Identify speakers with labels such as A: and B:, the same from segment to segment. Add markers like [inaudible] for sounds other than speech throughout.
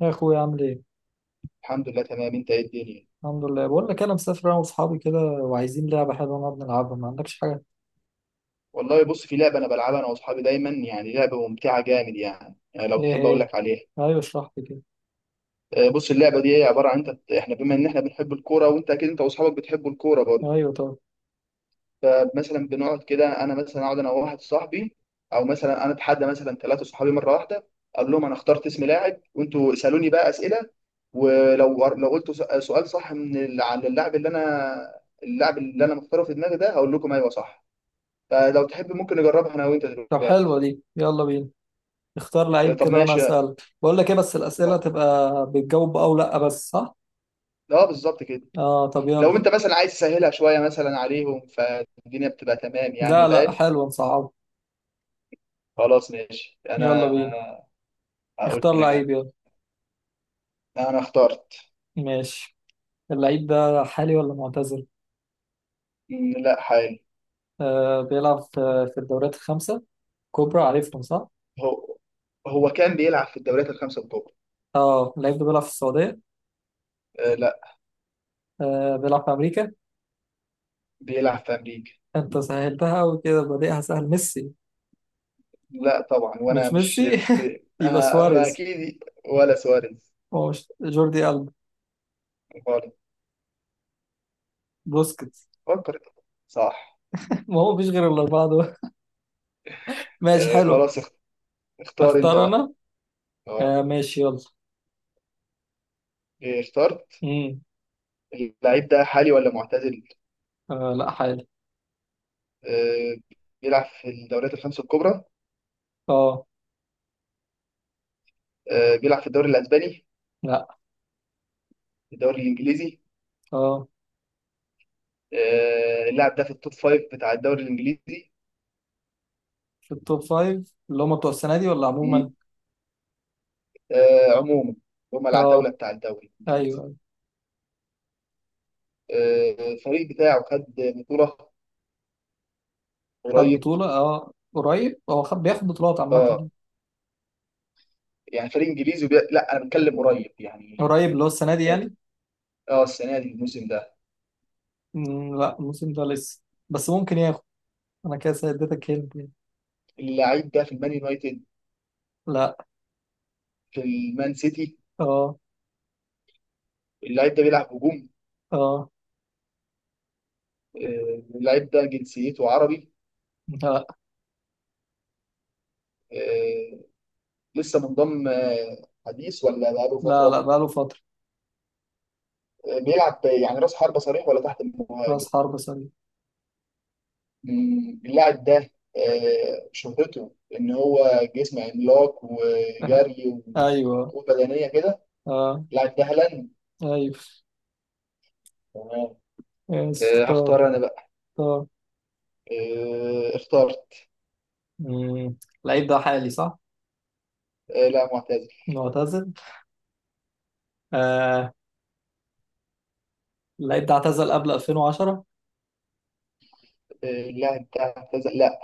A: يا اخويا عامل ايه؟
B: الحمد لله تمام. انت ايه الدنيا؟
A: الحمد لله. بقول لك انا مسافر انا واصحابي كده وعايزين لعبه حلوه نقعد نلعبها، ما عندكش حاجه؟
B: والله بص، في لعبه انا بلعبها انا واصحابي دايما، يعني لعبه ممتعه جامد. يعني لو
A: ايه
B: تحب اقول
A: هي؟
B: لك عليها.
A: ايوه اشرح لي كده.
B: بص، اللعبه دي هي عباره عن احنا، بما ان احنا بنحب الكوره وانت اكيد انت واصحابك بتحبوا الكوره برضه.
A: ايوه طب.
B: فمثلا بنقعد كده، انا مثلا اقعد انا وواحد صاحبي، او مثلا انا اتحدى مثلا ثلاثه صحابي مره واحده. اقول لهم انا اخترت اسم لاعب، وانتوا اسالوني بقى اسئله. ولو قلت سؤال صح عن اللاعب، اللي انا اللاعب اللي انا مختاره في دماغي ده، هقول لكم ايوه صح. فلو تحب ممكن نجربها انا وانت
A: طب
B: دلوقتي.
A: حلوه دي، يلا بينا. اختار لعيب
B: طب
A: كده وانا
B: ماشي.
A: اسال. بقول لك ايه، بس الاسئله تبقى بتجاوب او لا بس، صح؟
B: اه بالظبط كده.
A: اه طب يلا.
B: لو انت مثلا عايز تسهلها شويه مثلا عليهم، فالدنيا بتبقى تمام، يعني
A: لا لا،
B: فاهم.
A: حلوه، نصعب.
B: خلاص ماشي
A: يلا بينا.
B: انا. اقول
A: اختار
B: لك انا.
A: لعيب، يلا.
B: انا اخترت.
A: ماشي. اللعيب ده حالي ولا معتزل؟
B: لا حالي.
A: آه بيلعب في الدوريات الخمسه كبرى، عارفهم صح؟
B: هو هو كان بيلعب في الدوريات الخمسه الكبرى.
A: اه اللعيب ده بيلعب في السعوديه؟
B: آه لا.
A: آه بيلعب في امريكا؟
B: بيلعب في امريكا.
A: انت سهلتها قوي كده، بادئها سهل، ميسي.
B: لا طبعا. وانا
A: مش
B: مش
A: ميسي
B: مش
A: [laughs]
B: بي...
A: يبقى
B: آه ما
A: سواريز.
B: اكيد ولا سواريز.
A: هو مش جوردي ألبا؟
B: خالص.
A: بوسكيتس.
B: فكر. صح.
A: [laughs] ما هو مفيش غير الأربعة دول. [laughs] ماشي
B: آه
A: حلو.
B: خلاص اخ- اختار انت
A: اختار
B: بقى.
A: أنا.
B: اه.
A: آه ماشي يلا.
B: إيه، اخترت.
A: امم.
B: اللعيب ده حالي ولا معتزل؟
A: آه لا حالي.
B: آه، بيلعب في الدوريات الخمسة الكبرى.
A: اه.
B: بيلعب في الدوري الأسباني.
A: لا.
B: الدوري الإنجليزي.
A: اه
B: اللاعب ده في التوب فايف بتاع الدوري الإنجليزي.
A: في التوب فايف، اللي هم بتوع السنة دي ولا عموما؟
B: مم. عموما. هم
A: اه.
B: العتاولة بتاع الدوري الإنجليزي.
A: أيوه.
B: الفريق بتاعه خد بطولة.
A: خد
B: قريب.
A: بطولة؟ اه قريب. هو خد، بياخد بطولات
B: اه.
A: عامة.
B: يعني فريق إنجليزي لا، أنا بتكلم قريب يعني.
A: قريب اللي هو السنة دي يعني.
B: اه السنة دي، الموسم ده.
A: مم لا الموسم ده لسه. بس ممكن ياخد. أنا كده اديتك هنت يعني.
B: اللاعب ده في المان يونايتد.
A: لا.
B: في المان سيتي.
A: اه.
B: اللاعب ده بيلعب هجوم.
A: اه.
B: اللاعب ده جنسيته عربي.
A: لا.
B: آه، لسه منضم حديث ولا بقاله
A: لا
B: فترة؟
A: بقاله فترة.
B: بيلعب يعني راس حربة صريح ولا تحت
A: راس
B: المهاجم؟
A: حرب سوري.
B: اللاعب ده شهرته إن هو جسم عملاق
A: [laughs]
B: وجري
A: ايوه.
B: وقوة بدنية كده.
A: اه.
B: اللاعب ده هالاند.
A: ايوه.
B: تمام.
A: ماشي اختار.
B: هختار أنا بقى.
A: اختار.
B: اخترت.
A: مم. اللعيب ده حالي صح؟
B: لا معتزل.
A: معتزل. آه. اللعيب ده اعتزل قبل 2010؟
B: اللاعب ده اعتزل، لا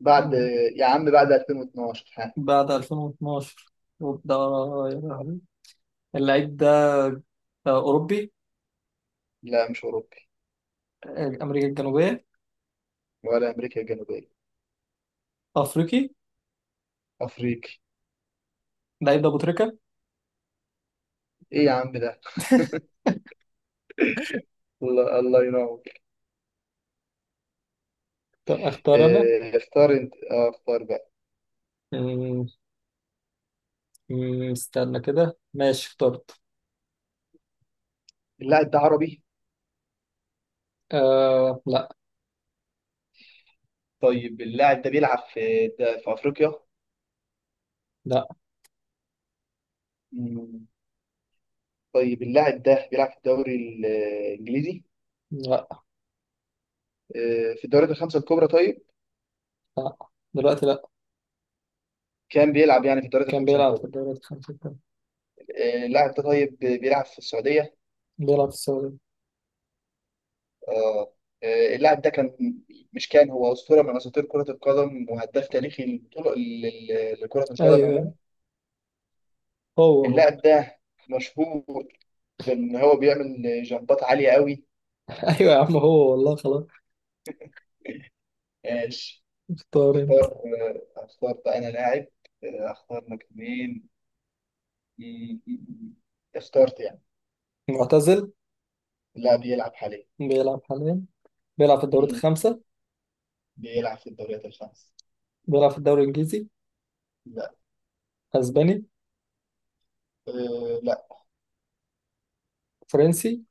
B: بعد.
A: مم.
B: يا عم بعد 2012 ها.
A: بعد 2012؟ وبدأ يا لهوي. اللعيب ده آه، أوروبي؟
B: لا مش أوروبي.
A: آه، أمريكا الجنوبية؟
B: ولا أمريكا الجنوبية.
A: أفريقي.
B: أفريقي.
A: اللعيب ده أبو تريكة.
B: إيه يا عم ده.
A: [laughs]
B: الله الله ينور.
A: طب اختار انا.
B: اختار انت. اختار بقى.
A: مم، مم، استنى كده. ماشي اخترت.
B: اللاعب ده عربي؟
A: آه لا.
B: طيب اللاعب ده بيلعب في ده في افريقيا؟
A: لا.
B: مم. طيب اللاعب ده بيلعب في الدوري الانجليزي؟
A: لا.
B: في الدوريات الخمسه الكبرى طيب؟
A: لا دلوقتي، لا.
B: كان بيلعب يعني في الدوريات
A: كان
B: الخمسه
A: بيلعب في
B: الكبرى.
A: الدوريات الخمسة الكبرى.
B: اللاعب ده طيب بيلعب في السعوديه.
A: بيلعب في السعودية.
B: اه. اللاعب ده كان، مش كان، هو اسطوره من اساطير كره القدم وهداف تاريخي للبطوله لكره القدم عموما.
A: أيوه. هو هو.
B: اللاعب ده مشهور بان هو بيعمل جنبات عاليه قوي.
A: [laughs] أيوه يا عم هو، والله خلاص. اختار أنت.
B: اختار. اختار بقى انا لاعب. اختار لك مين. مم، مم. اخترت يعني.
A: معتزل؟
B: لاعب يلعب حاليا.
A: بيلعب حاليا؟ بيلعب في الدوريات
B: مم.
A: الخمسة.
B: بيلعب في الدوريات الخمس.
A: بيلعب في الدوري الإنجليزي؟
B: لا.
A: أسباني؟
B: أه لا.
A: فرنسي؟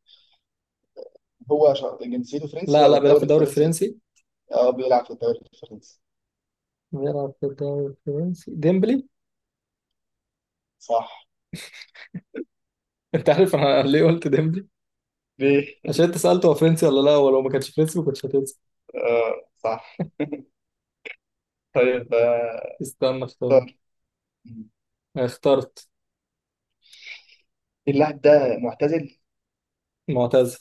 B: هو جنسيته فرنسي
A: لا
B: ولا
A: لا، بيلعب في
B: الدوري
A: الدوري
B: الفرنسي؟
A: الفرنسي.
B: اه بيلعب في الدوري الفرنسي.
A: بيلعب في الدوري الفرنسي، ديمبلي.
B: صح.
A: [laughs] أنت عارف أنا ليه قلت ديمبلي؟
B: ليه؟
A: عشان أنت سألته هو فرنسي ولا لا، ولو ما كانش فرنسي ما كنتش هتنسى.
B: آه صح. طيب.
A: استنى اختار.
B: اختار. مم.
A: اخترت.
B: اللاعب ده معتزل.
A: معتزل.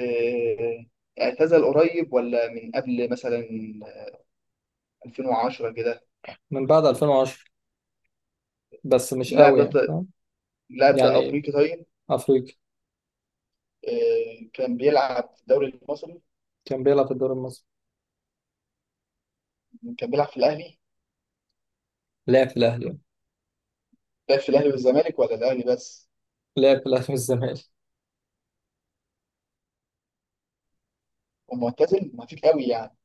B: آه، اعتزل قريب ولا من قبل مثلا 2010 كده.
A: من بعد 2010، بس مش
B: اللاعب
A: قوي يعني،
B: ده
A: فاهم؟
B: اللاعب ده
A: يعني.
B: افريقي طيب.
A: أفريقي.
B: كان بيلعب في الدوري المصري.
A: كان بيلعب في الدوري المصري.
B: كان بيلعب في الاهلي.
A: لعب في الأهلي.
B: لعب في الاهلي والزمالك ولا الاهلي بس؟
A: لعب في الأهلي والزمالك.
B: ومعتزل ما فيك قوي يعني.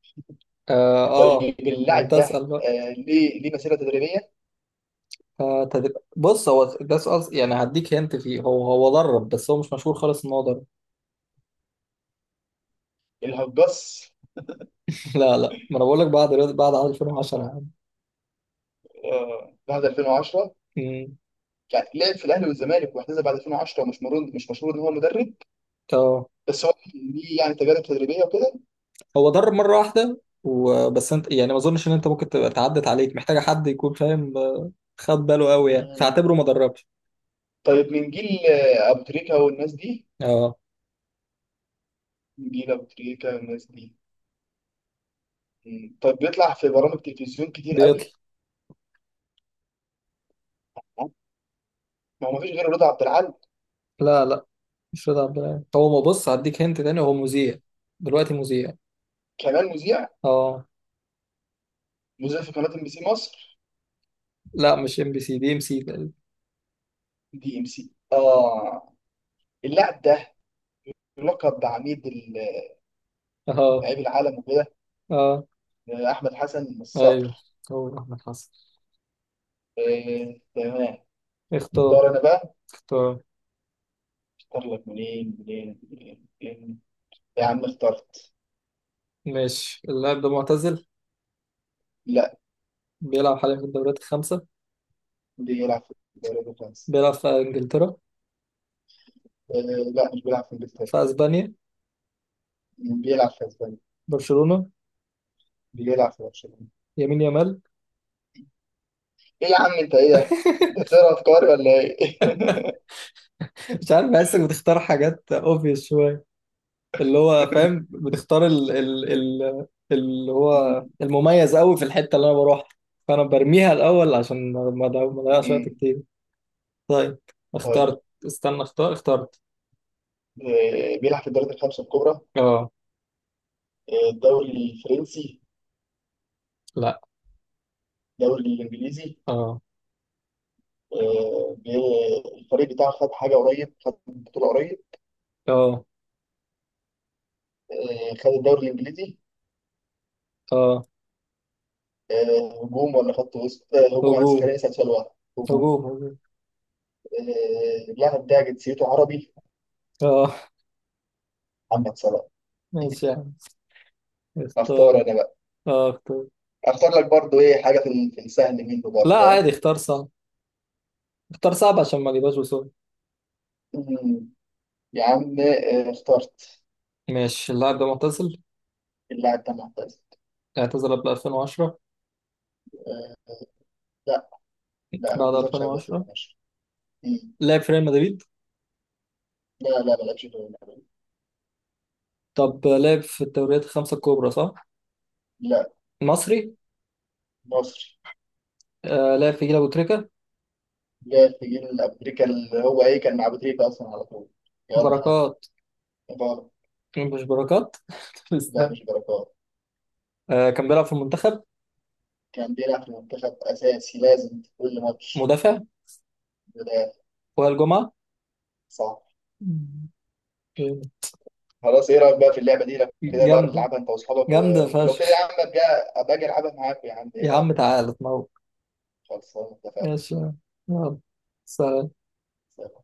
A: آه, آه.
B: طيب
A: ما أنت
B: اللاعب ده
A: أسأل بقى.
B: ليه مسيره تدريبيه.
A: آه تدري. بص هو ده سؤال، يعني هديك هنت فيه. هو هو درب بس هو مش مشهور خالص إن هو درب.
B: الهجاص.
A: [laughs] لا لا، ما أنا بقول لك بعد بعد عام 2010 يا عم.
B: بعد 2010
A: مم.
B: يعني. لعب في الاهلي والزمالك واعتزل بعد 2010، ومش مشهور، مش مشهور ان هو مدرب.
A: آه.
B: بس هو ليه يعني تجارب تدريبيه وكده.
A: هو درب مرة واحدة وبس، أنت يعني ما أظنش إن أنت ممكن تبقى تعدت عليك، محتاجة حد يكون فاهم، آه، خد باله قوي يعني،
B: مم.
A: فاعتبره ما دربش.
B: طيب من جيل ابو تريكه والناس دي.
A: آه.
B: من جيل ابو تريكه والناس دي. مم. طيب بيطلع في برامج تلفزيون كتير
A: بيطلع.
B: قوي. ما هو مفيش غير رضا عبد العال.
A: لا لا، مش رضا عبد العال. هو ما، بص هديك هنت تاني، هو مذيع. دلوقتي مذيع.
B: كمان مذيع.
A: اه.
B: مذيع في قناة ام بي سي مصر.
A: لا مش ام بي سي، دي ام سي تقريبا.
B: دي ام سي اه. اللاعب ده يلقب
A: اه.
B: لعيب العالم وكده.
A: اه.
B: احمد حسن
A: ايوه.
B: الصقر.
A: هو احمد حسن.
B: تمام.
A: اختار.
B: اختار انا بقى.
A: اختار.
B: اختار لك منين منين منين منين. يا عم اخترت.
A: ماشي. اللاعب ده معتزل؟
B: لا،
A: بيلعب حاليا في الدوريات الخمسة.
B: بيلعب في الدوري الفرنسي.
A: بيلعب في انجلترا؟
B: آه، لا مش بيلعب في انجلترا.
A: في اسبانيا؟
B: بيلعب في اسبانيا.
A: برشلونة؟
B: بيلعب في برشلونة.
A: يمين، يامال.
B: ايه يا عم، انت ايه ده؟ ده
A: [laughs]
B: ترى افكاري ولا ايه؟ [laughs]
A: مش عارف، بحسك بتختار حاجات اوبفيس شوية. اللي هو فاهم بتختار ال اللي هو
B: مم.
A: المميز قوي في الحتة اللي انا بروحها. فانا برميها الاول عشان ما اضيعش وقت
B: مم.
A: كتير. طيب.
B: طيب
A: اخترت. استنى اختار. اخترت.
B: بيلعب في الدوري الخمسة الكبرى.
A: اه.
B: الدوري الفرنسي. الدوري الانجليزي.
A: اه.
B: الفريق بتاعه خد حاجه قريب، خد بطوله قريب.
A: اه.
B: خد الدوري الانجليزي.
A: اه
B: هجوم ولا خط وسط؟ هجوم. انا لسه
A: هجوم.
B: خليني اسال سؤال واحد. هجوم.
A: هجوم هجوم.
B: اللاعب ده جنسيته عربي.
A: اه.
B: محمد صلاح.
A: ماشي يا عم. اختار.
B: اختار انا بقى.
A: اه اختار.
B: اختار لك برضو ايه حاجه في السهل منه
A: لا
B: برضو ها.
A: عادي، اختار صعب. اختار صعب عشان ما اجيبهاش بسرعة.
B: مم. يا عم اخترت.
A: ماشي. اللاعب ده معتزل؟
B: اللاعب ده معتزل؟
A: اعتزل قبل 2010؟
B: لا لا ما
A: بعد
B: اعتزلش قبل
A: 2010.
B: 2010. مم.
A: لعب في ريال مدريد؟
B: لا ما لعبش في الأول.
A: طب لعب في الدوريات الخمسة الكبرى صح؟
B: لا.
A: مصري.
B: مصري.
A: آه لعب في جيل أبو تريكة.
B: جاء الجيل الأمريكي اللي هو إيه، كان مع أبو تريكة أصلا على طول. يلا هات.
A: بركات.
B: بركات.
A: مش بركات؟ [laughs]
B: لا
A: استنى.
B: مش بركات.
A: آه كان بيلعب في المنتخب؟
B: كان بيلعب في المنتخب أساسي لازم في كل ماتش.
A: مدافع.
B: بداية.
A: وائل جمعة.
B: صح.
A: مم.
B: خلاص، إيه رأيك بقى في اللعبة دي؟ لو كده بقى
A: جامدة.
B: العبها أنت وأصحابك و...
A: جامدة
B: ولو كده يا
A: فشخ.
B: عم أبقى أبقى أجي ألعبها معاك يا عم، إيه
A: يا
B: رأيك.
A: عم تعالى اتنور.
B: خلصانة.
A: ماشي. يلا. سلام.
B: اتفقنا.